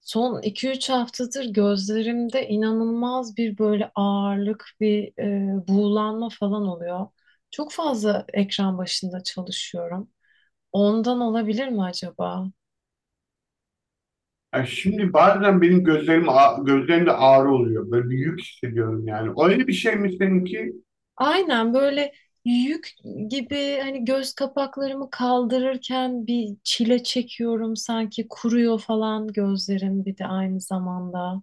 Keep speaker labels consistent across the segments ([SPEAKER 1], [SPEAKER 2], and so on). [SPEAKER 1] Son 2-3 haftadır gözlerimde inanılmaz bir böyle ağırlık, bir buğulanma falan oluyor. Çok fazla ekran başında çalışıyorum. Ondan olabilir mi acaba?
[SPEAKER 2] Ya şimdi bazen benim gözlerimde ağrı oluyor. Böyle bir yük hissediyorum yani. Öyle bir şey mi seninki?
[SPEAKER 1] Aynen böyle yük gibi hani göz kapaklarımı kaldırırken bir çile çekiyorum sanki kuruyor falan gözlerim bir de aynı zamanda.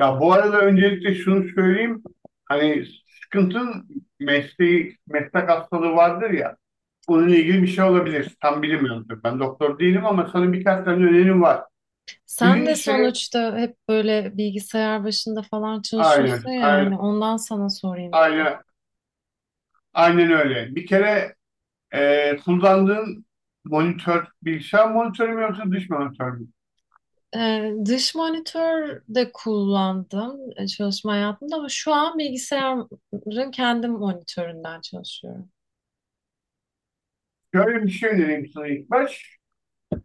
[SPEAKER 2] Ya bu arada öncelikle şunu söyleyeyim. Hani sıkıntın meslek hastalığı vardır ya. Bununla ilgili bir şey olabilir. Tam bilmiyorum tabii. Ben doktor değilim ama sana birkaç tane önerim var.
[SPEAKER 1] Sen de
[SPEAKER 2] Birincisi,
[SPEAKER 1] sonuçta hep böyle bilgisayar başında falan
[SPEAKER 2] aynen,
[SPEAKER 1] çalışıyorsun ya, yani
[SPEAKER 2] aynen,
[SPEAKER 1] ondan sana sorayım dedim.
[SPEAKER 2] aynen, aynen öyle. Bir kere kullandığın monitör, bilgisayar monitörü mü yoksa dış monitör mü?
[SPEAKER 1] Dış monitör de kullandım çalışma hayatımda ama şu an bilgisayarın kendi monitöründen çalışıyorum.
[SPEAKER 2] Şöyle bir şey önereyim sana ilk baş.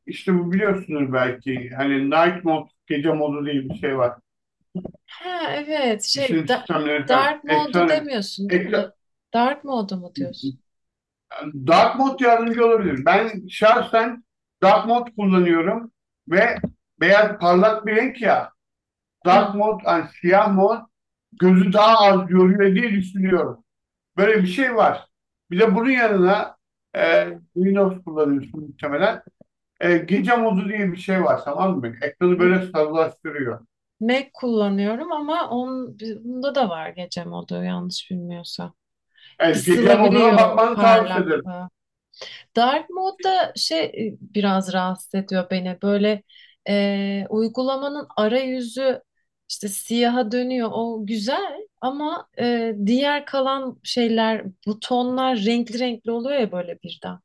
[SPEAKER 2] İşte bu biliyorsunuz belki hani night mode, gece modu diye bir şey var.
[SPEAKER 1] Ha, evet,
[SPEAKER 2] İşletim sistemleri falan.
[SPEAKER 1] dark modu
[SPEAKER 2] Ekran,
[SPEAKER 1] demiyorsun değil mi?
[SPEAKER 2] ekran,
[SPEAKER 1] Dark modu mu diyorsun?
[SPEAKER 2] dark mode yardımcı olabilir. Ben şahsen dark mode kullanıyorum ve beyaz parlak bir renk ya dark
[SPEAKER 1] Evet.
[SPEAKER 2] mode, yani siyah mod gözü daha az yoruyor diye düşünüyorum. Böyle bir şey var. Bir de bunun yanına Windows kullanıyorsun muhtemelen. Gece modu diye bir şey var, tamam mı? Ekranı
[SPEAKER 1] M-
[SPEAKER 2] böyle sarılaştırıyor.
[SPEAKER 1] Mac kullanıyorum ama onun, bunda da var gece modu yanlış bilmiyorsam.
[SPEAKER 2] Evet, gece moduna
[SPEAKER 1] Kısılabiliyor
[SPEAKER 2] bakmanı tavsiye ederim.
[SPEAKER 1] parlaklığı. Dark mode da biraz rahatsız ediyor beni. Böyle uygulamanın arayüzü işte siyaha dönüyor. O güzel ama diğer kalan şeyler, butonlar renkli renkli oluyor ya böyle birden.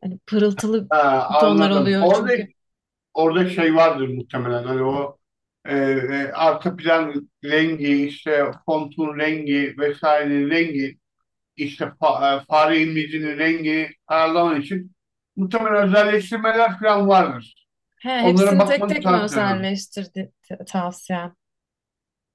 [SPEAKER 1] Hani pırıltılı
[SPEAKER 2] Ha,
[SPEAKER 1] butonlar
[SPEAKER 2] anladım.
[SPEAKER 1] oluyor
[SPEAKER 2] Orada
[SPEAKER 1] çünkü.
[SPEAKER 2] orada şey vardır muhtemelen. Hani o arka plan rengi, işte fontun rengi vesaire rengi, işte fare imlecinin rengi ayarlaman için muhtemelen özelleştirmeler falan vardır.
[SPEAKER 1] He,
[SPEAKER 2] Onlara
[SPEAKER 1] hepsini tek
[SPEAKER 2] bakmanı
[SPEAKER 1] tek mi
[SPEAKER 2] tavsiye ederim.
[SPEAKER 1] özelleştirdi tavsiyen?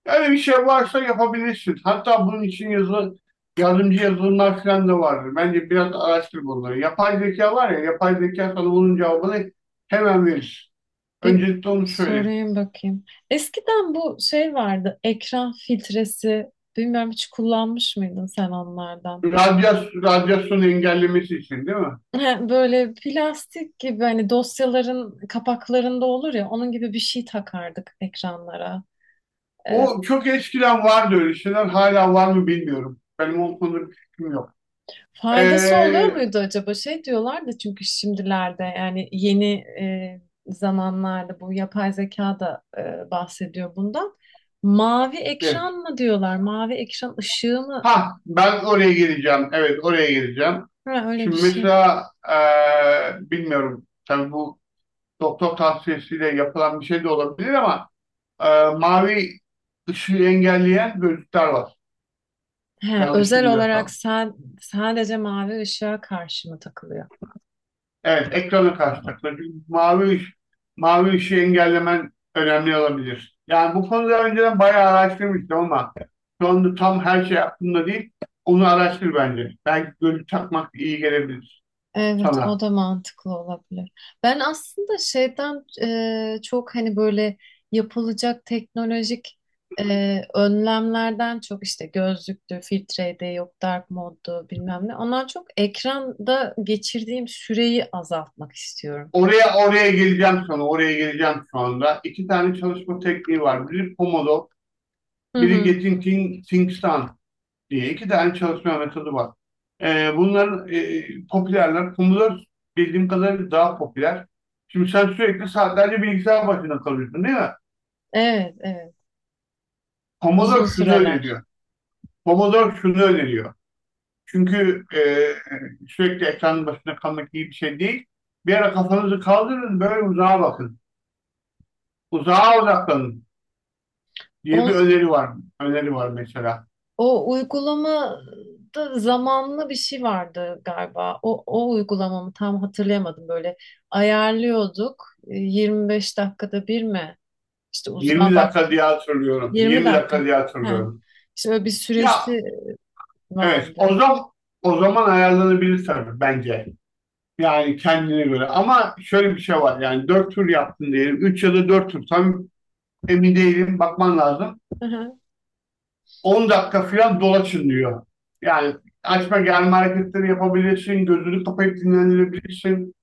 [SPEAKER 2] Öyle bir şey varsa yapabilirsin. Hatta bunun için yardımcı yazılımlar falan da vardır. Bence biraz araştır bunları. Yapay zeka var ya, yapay zeka sana bunun cevabını hemen verir.
[SPEAKER 1] Bir
[SPEAKER 2] Öncelikle onu söyleyeyim.
[SPEAKER 1] sorayım bakayım. Eskiden bu şey vardı, ekran filtresi. Bilmiyorum hiç kullanmış mıydın sen onlardan?
[SPEAKER 2] Radyasyon engellemesi için değil mi?
[SPEAKER 1] Böyle plastik gibi hani dosyaların kapaklarında olur ya onun gibi bir şey takardık ekranlara. Ee,
[SPEAKER 2] O çok eskiden vardı öyle şeyler. Hala var mı bilmiyorum. Benim o konuda bir fikrim yok.
[SPEAKER 1] Faydası oluyor
[SPEAKER 2] Ee,
[SPEAKER 1] muydu acaba? Şey diyorlardı çünkü şimdilerde yani yeni zamanlarda bu yapay zeka da bahsediyor bundan. Mavi
[SPEAKER 2] evet.
[SPEAKER 1] ekran mı diyorlar? Mavi ekran ışığı mı?
[SPEAKER 2] Ha, ben oraya geleceğim. Evet, oraya geleceğim.
[SPEAKER 1] Ha, öyle bir
[SPEAKER 2] Şimdi
[SPEAKER 1] şey.
[SPEAKER 2] mesela bilmiyorum. Tabii bu doktor tavsiyesiyle yapılan bir şey de olabilir ama e, mavi ışığı engelleyen gözlükler var.
[SPEAKER 1] He,
[SPEAKER 2] Yanlış
[SPEAKER 1] özel olarak
[SPEAKER 2] bilmiyorsam.
[SPEAKER 1] sen sadece mavi ışığa karşı mı takılıyor?
[SPEAKER 2] Evet, ekrana karşı takılır. Çünkü mavi ışığı engellemen önemli olabilir. Yani bu konuda önceden bayağı araştırmıştım ama şu anda tam her şey aklımda değil. Onu araştır bence. Belki gözlük takmak iyi gelebilir
[SPEAKER 1] Evet, o
[SPEAKER 2] sana.
[SPEAKER 1] da mantıklı olabilir. Ben aslında şeyden çok hani böyle yapılacak teknolojik önlemlerden çok işte gözlüktü, filtreydi, yok dark moddu bilmem ne. Ondan çok ekranda geçirdiğim süreyi azaltmak istiyorum.
[SPEAKER 2] Oraya geleceğim sana. Oraya geleceğim şu anda. İki tane çalışma tekniği var. Biri Pomodoro,
[SPEAKER 1] Hı
[SPEAKER 2] biri
[SPEAKER 1] hı.
[SPEAKER 2] Getting Things Done diye iki tane çalışma metodu var. Bunların popülerler. Commodore bildiğim kadarıyla daha popüler. Şimdi sen sürekli saatlerce bilgisayar başında kalıyorsun değil mi?
[SPEAKER 1] Evet, evet. Uzun
[SPEAKER 2] Commodore şunu
[SPEAKER 1] süreler.
[SPEAKER 2] öneriyor. Commodore şunu öneriyor. Çünkü sürekli ekranın başında kalmak iyi bir şey değil. Bir ara kafanızı kaldırın böyle uzağa bakın. Uzağa odaklanın diye bir
[SPEAKER 1] On,
[SPEAKER 2] öneri var. Öneri var mesela.
[SPEAKER 1] O, uygulamada zamanlı bir şey vardı galiba. O uygulamamı tam hatırlayamadım. Böyle ayarlıyorduk. 25 dakikada bir mi? İşte uzağa
[SPEAKER 2] 20
[SPEAKER 1] bak.
[SPEAKER 2] dakika diye hatırlıyorum.
[SPEAKER 1] 20
[SPEAKER 2] 20
[SPEAKER 1] dakika mı?
[SPEAKER 2] dakika diye
[SPEAKER 1] He.
[SPEAKER 2] hatırlıyorum.
[SPEAKER 1] İşte öyle bir
[SPEAKER 2] Ya,
[SPEAKER 1] süresi
[SPEAKER 2] evet, o
[SPEAKER 1] vardı.
[SPEAKER 2] zaman ayarlanabilir tabii bence. Yani kendine göre. Ama şöyle bir şey var. Yani 4 tur yaptın diyelim. Üç ya da 4 tur. Tam emin değilim. Bakman lazım. 10 dakika falan dolaşın diyor. Yani açma gelme hareketleri yapabilirsin. Gözünü kapayıp dinlenebilirsin.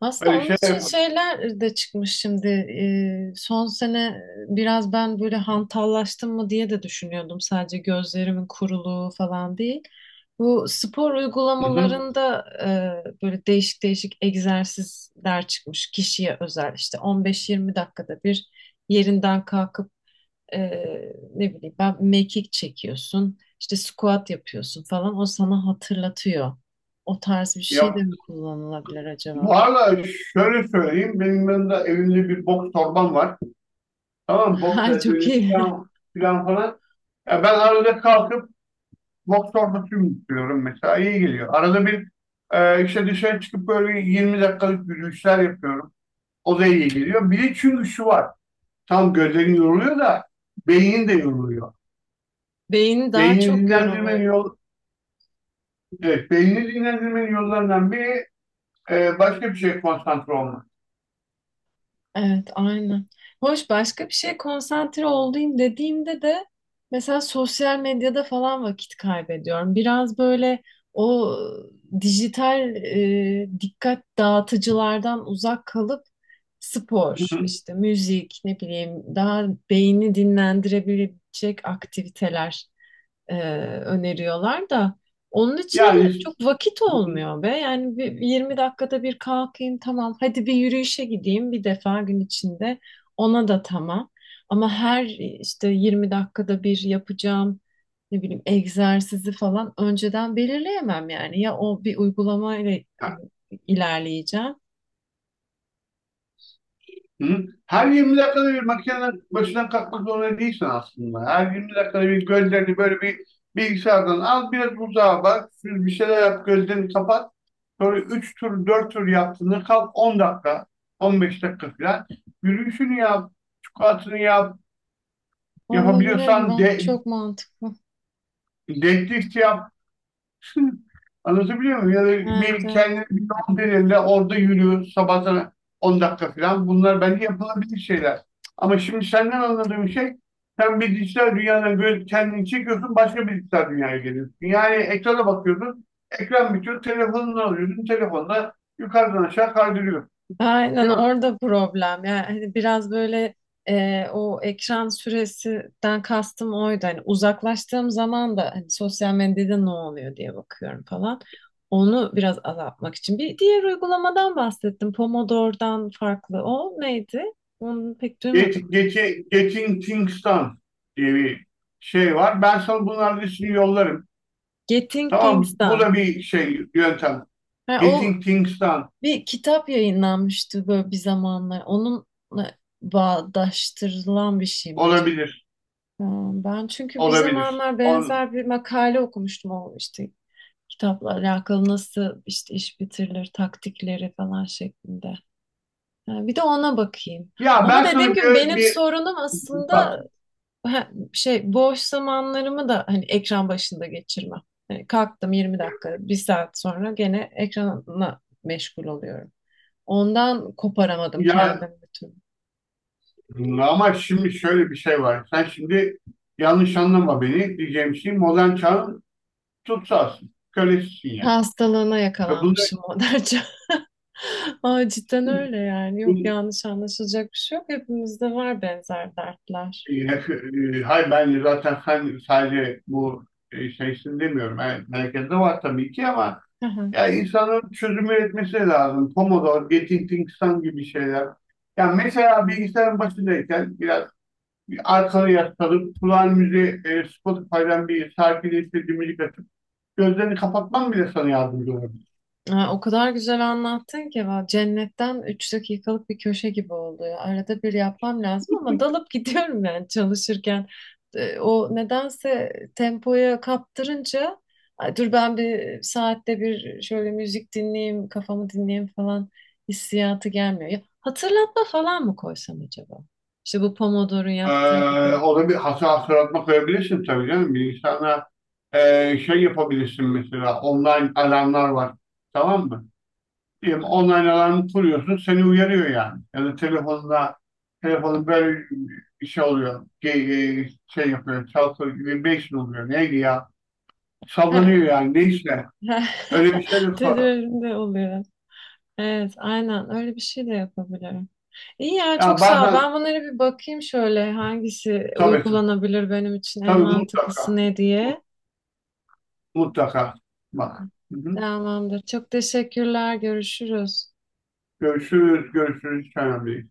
[SPEAKER 1] Aslında
[SPEAKER 2] Böyle
[SPEAKER 1] onun
[SPEAKER 2] şey
[SPEAKER 1] için
[SPEAKER 2] yap.
[SPEAKER 1] şeyler de çıkmış şimdi. Son sene biraz ben böyle hantallaştım mı diye de düşünüyordum. Sadece gözlerimin kuruluğu falan değil. Bu spor
[SPEAKER 2] Hı hı.
[SPEAKER 1] uygulamalarında böyle değişik değişik egzersizler çıkmış kişiye özel. İşte 15-20 dakikada bir yerinden kalkıp e, ne bileyim ben mekik çekiyorsun. İşte squat yapıyorsun falan. O sana hatırlatıyor. O tarz bir şey
[SPEAKER 2] Yap.
[SPEAKER 1] de mi kullanılabilir
[SPEAKER 2] Bu
[SPEAKER 1] acaba?
[SPEAKER 2] arada şöyle söyleyeyim. Benim yanımda evimde bir boks torbam var. Tamam mı? Boks
[SPEAKER 1] Ha, çok
[SPEAKER 2] eldiveni
[SPEAKER 1] iyi.
[SPEAKER 2] falan, falan falan. Ya ben arada kalkıp boks torbasıyım istiyorum mesela. İyi geliyor. Arada bir işte dışarı çıkıp böyle 20 dakikalık yürüyüşler yapıyorum. O da iyi geliyor. Bir de çünkü şu var. Tam gözlerin yoruluyor da beynin de yoruluyor.
[SPEAKER 1] Beyni daha
[SPEAKER 2] Beynini
[SPEAKER 1] çok
[SPEAKER 2] dinlendirmenin
[SPEAKER 1] yoruluyor.
[SPEAKER 2] yol, evet, beynini dinlendirmenin yollarından biri başka bir şeye konsantre olmak.
[SPEAKER 1] Evet, aynen. Hoş başka bir şeye konsantre olayım dediğimde de mesela sosyal medyada falan vakit kaybediyorum. Biraz böyle o dijital dikkat dağıtıcılardan uzak kalıp spor, işte müzik, ne bileyim daha beyni dinlendirebilecek aktiviteler e, öneriyorlar da onun için de
[SPEAKER 2] Yani
[SPEAKER 1] çok vakit olmuyor be. Yani bir, 20 dakikada bir kalkayım tamam. Hadi bir yürüyüşe gideyim bir defa gün içinde. Ona da tamam. Ama her işte 20 dakikada bir yapacağım ne bileyim egzersizi falan önceden belirleyemem yani. Ya o bir uygulamayla hani, ilerleyeceğim.
[SPEAKER 2] Hı? Her 20 dakikada bir makinenin başından kalkmak zorunda değilsin aslında. Her 20 dakikada bir gözlerini böyle bir bilgisayardan al, biraz uzağa bak, bir şeyler yap, gözlerini kapat. Sonra 3 tur, 4 tur yaptığında kalk 10 dakika, 15 dakika falan. Yürüyüşünü yap, squat'ını yap,
[SPEAKER 1] Olabilir mi?
[SPEAKER 2] yapabiliyorsan
[SPEAKER 1] Ah,
[SPEAKER 2] de,
[SPEAKER 1] çok mantıklı.
[SPEAKER 2] deadlift yap, Anlatabiliyor muyum? Ya da
[SPEAKER 1] Evet,
[SPEAKER 2] bir
[SPEAKER 1] evet.
[SPEAKER 2] kendini bir donduruyla orada yürü sabah sana 10 dakika falan. Bunlar bence yapılabilir şeyler. Ama şimdi senden anladığım şey sen bir dijital dünyadan böyle kendini çekiyorsun başka bir dijital dünyaya geliyorsun. Yani ekrana bakıyorsun. Ekran bitiyor. Telefonunu alıyorsun. Telefonla yukarıdan aşağı kaydırıyor.
[SPEAKER 1] Aynen
[SPEAKER 2] Değil mi?
[SPEAKER 1] orada problem. Yani hani biraz böyle o ekran süresinden kastım oydu. Hani uzaklaştığım zaman da hani sosyal medyada ne oluyor diye bakıyorum falan. Onu biraz azaltmak için. Bir diğer uygulamadan bahsettim. Pomodoro'dan farklı. O neydi? Onu pek duymadım.
[SPEAKER 2] Get, get, getting things done diye bir şey var. Ben sana bunların listesini yollarım.
[SPEAKER 1] Getting
[SPEAKER 2] Tamam mı? Bu
[SPEAKER 1] Things'dan.
[SPEAKER 2] da bir şey yöntem.
[SPEAKER 1] Ha, o
[SPEAKER 2] Getting things done.
[SPEAKER 1] bir kitap yayınlanmıştı böyle bir zamanlar. Onunla bağdaştırılan bir şey mi acaba?
[SPEAKER 2] Olabilir.
[SPEAKER 1] Ya, ben çünkü bir
[SPEAKER 2] Olabilir.
[SPEAKER 1] zamanlar benzer bir makale okumuştum o işte kitapla alakalı nasıl işte iş bitirilir taktikleri falan şeklinde. Ha, bir de ona bakayım.
[SPEAKER 2] Ya
[SPEAKER 1] Ama
[SPEAKER 2] ben sana
[SPEAKER 1] dediğim gibi
[SPEAKER 2] bir,
[SPEAKER 1] benim
[SPEAKER 2] bir
[SPEAKER 1] sorunum
[SPEAKER 2] bak
[SPEAKER 1] aslında ha, şey boş zamanlarımı da hani ekran başında geçirmem. Yani kalktım 20 dakika, bir saat sonra gene ekranla meşgul oluyorum. Ondan koparamadım
[SPEAKER 2] ya
[SPEAKER 1] kendimi.
[SPEAKER 2] ama şimdi şöyle bir şey var. Sen şimdi yanlış anlama beni. Diyeceğim şey modern çağın tutsağısın. Kölesisin yani.
[SPEAKER 1] Hastalığına
[SPEAKER 2] Ve bunu
[SPEAKER 1] yakalanmışım Moderca. Aa, cidden öyle yani. Yok,
[SPEAKER 2] bu-
[SPEAKER 1] yanlış anlaşılacak bir şey yok. Hepimizde var benzer dertler.
[SPEAKER 2] e, e, Hayır ben zaten sen sadece bu şeysin demiyorum. Yani herkeste var tabii ki ama ya insanın çözüm üretmesi lazım. Pomodoro, Getting Things Done gibi şeyler. Yani mesela bilgisayarın başındayken biraz arkana yaslanıp kulağın müziği Spotify'dan bir şarkıyla istediğim müzik açıp gözlerini kapatman bile sana yardımcı olabilir.
[SPEAKER 1] Ha, o kadar güzel anlattın ki cennetten 3 dakikalık bir köşe gibi oldu ya. Arada bir yapmam lazım ama dalıp gidiyorum yani çalışırken. O nedense tempoya kaptırınca "Ay, dur ben bir saatte bir şöyle müzik dinleyeyim, kafamı dinleyeyim falan" hissiyatı gelmiyor. Ya, hatırlatma falan mı koysam acaba? İşte bu Pomodoro'nun
[SPEAKER 2] Ee,
[SPEAKER 1] yaptığı gibi.
[SPEAKER 2] ona bir hata hatırlatma koyabilirsin tabii canım. Bilgisayarına e, şey yapabilirsin mesela online alarmlar var. Tamam mı? Diyelim online alarmı kuruyorsun seni uyarıyor yani. Ya da telefonun böyle bir şey oluyor. Şey yapıyor. Çalkıyor. Vibration oluyor. Neydi ya? Sallanıyor
[SPEAKER 1] He,
[SPEAKER 2] yani. Neyse.
[SPEAKER 1] he.
[SPEAKER 2] Öyle bir şey de
[SPEAKER 1] Tedavirinde oluyor. Evet, aynen öyle bir şey de yapabilirim. İyi ya,
[SPEAKER 2] ya
[SPEAKER 1] çok sağ ol.
[SPEAKER 2] bazen.
[SPEAKER 1] Ben bunlara bir bakayım şöyle hangisi
[SPEAKER 2] Tabii ki.
[SPEAKER 1] uygulanabilir, benim için en
[SPEAKER 2] Tabii,
[SPEAKER 1] mantıklısı
[SPEAKER 2] mutlaka.
[SPEAKER 1] ne diye.
[SPEAKER 2] Mut- Mutlaka. Bak. Hı hı.
[SPEAKER 1] Tamamdır. Çok teşekkürler. Görüşürüz.
[SPEAKER 2] Görüşürüz. Görüşürüz. Hiç önemli değil.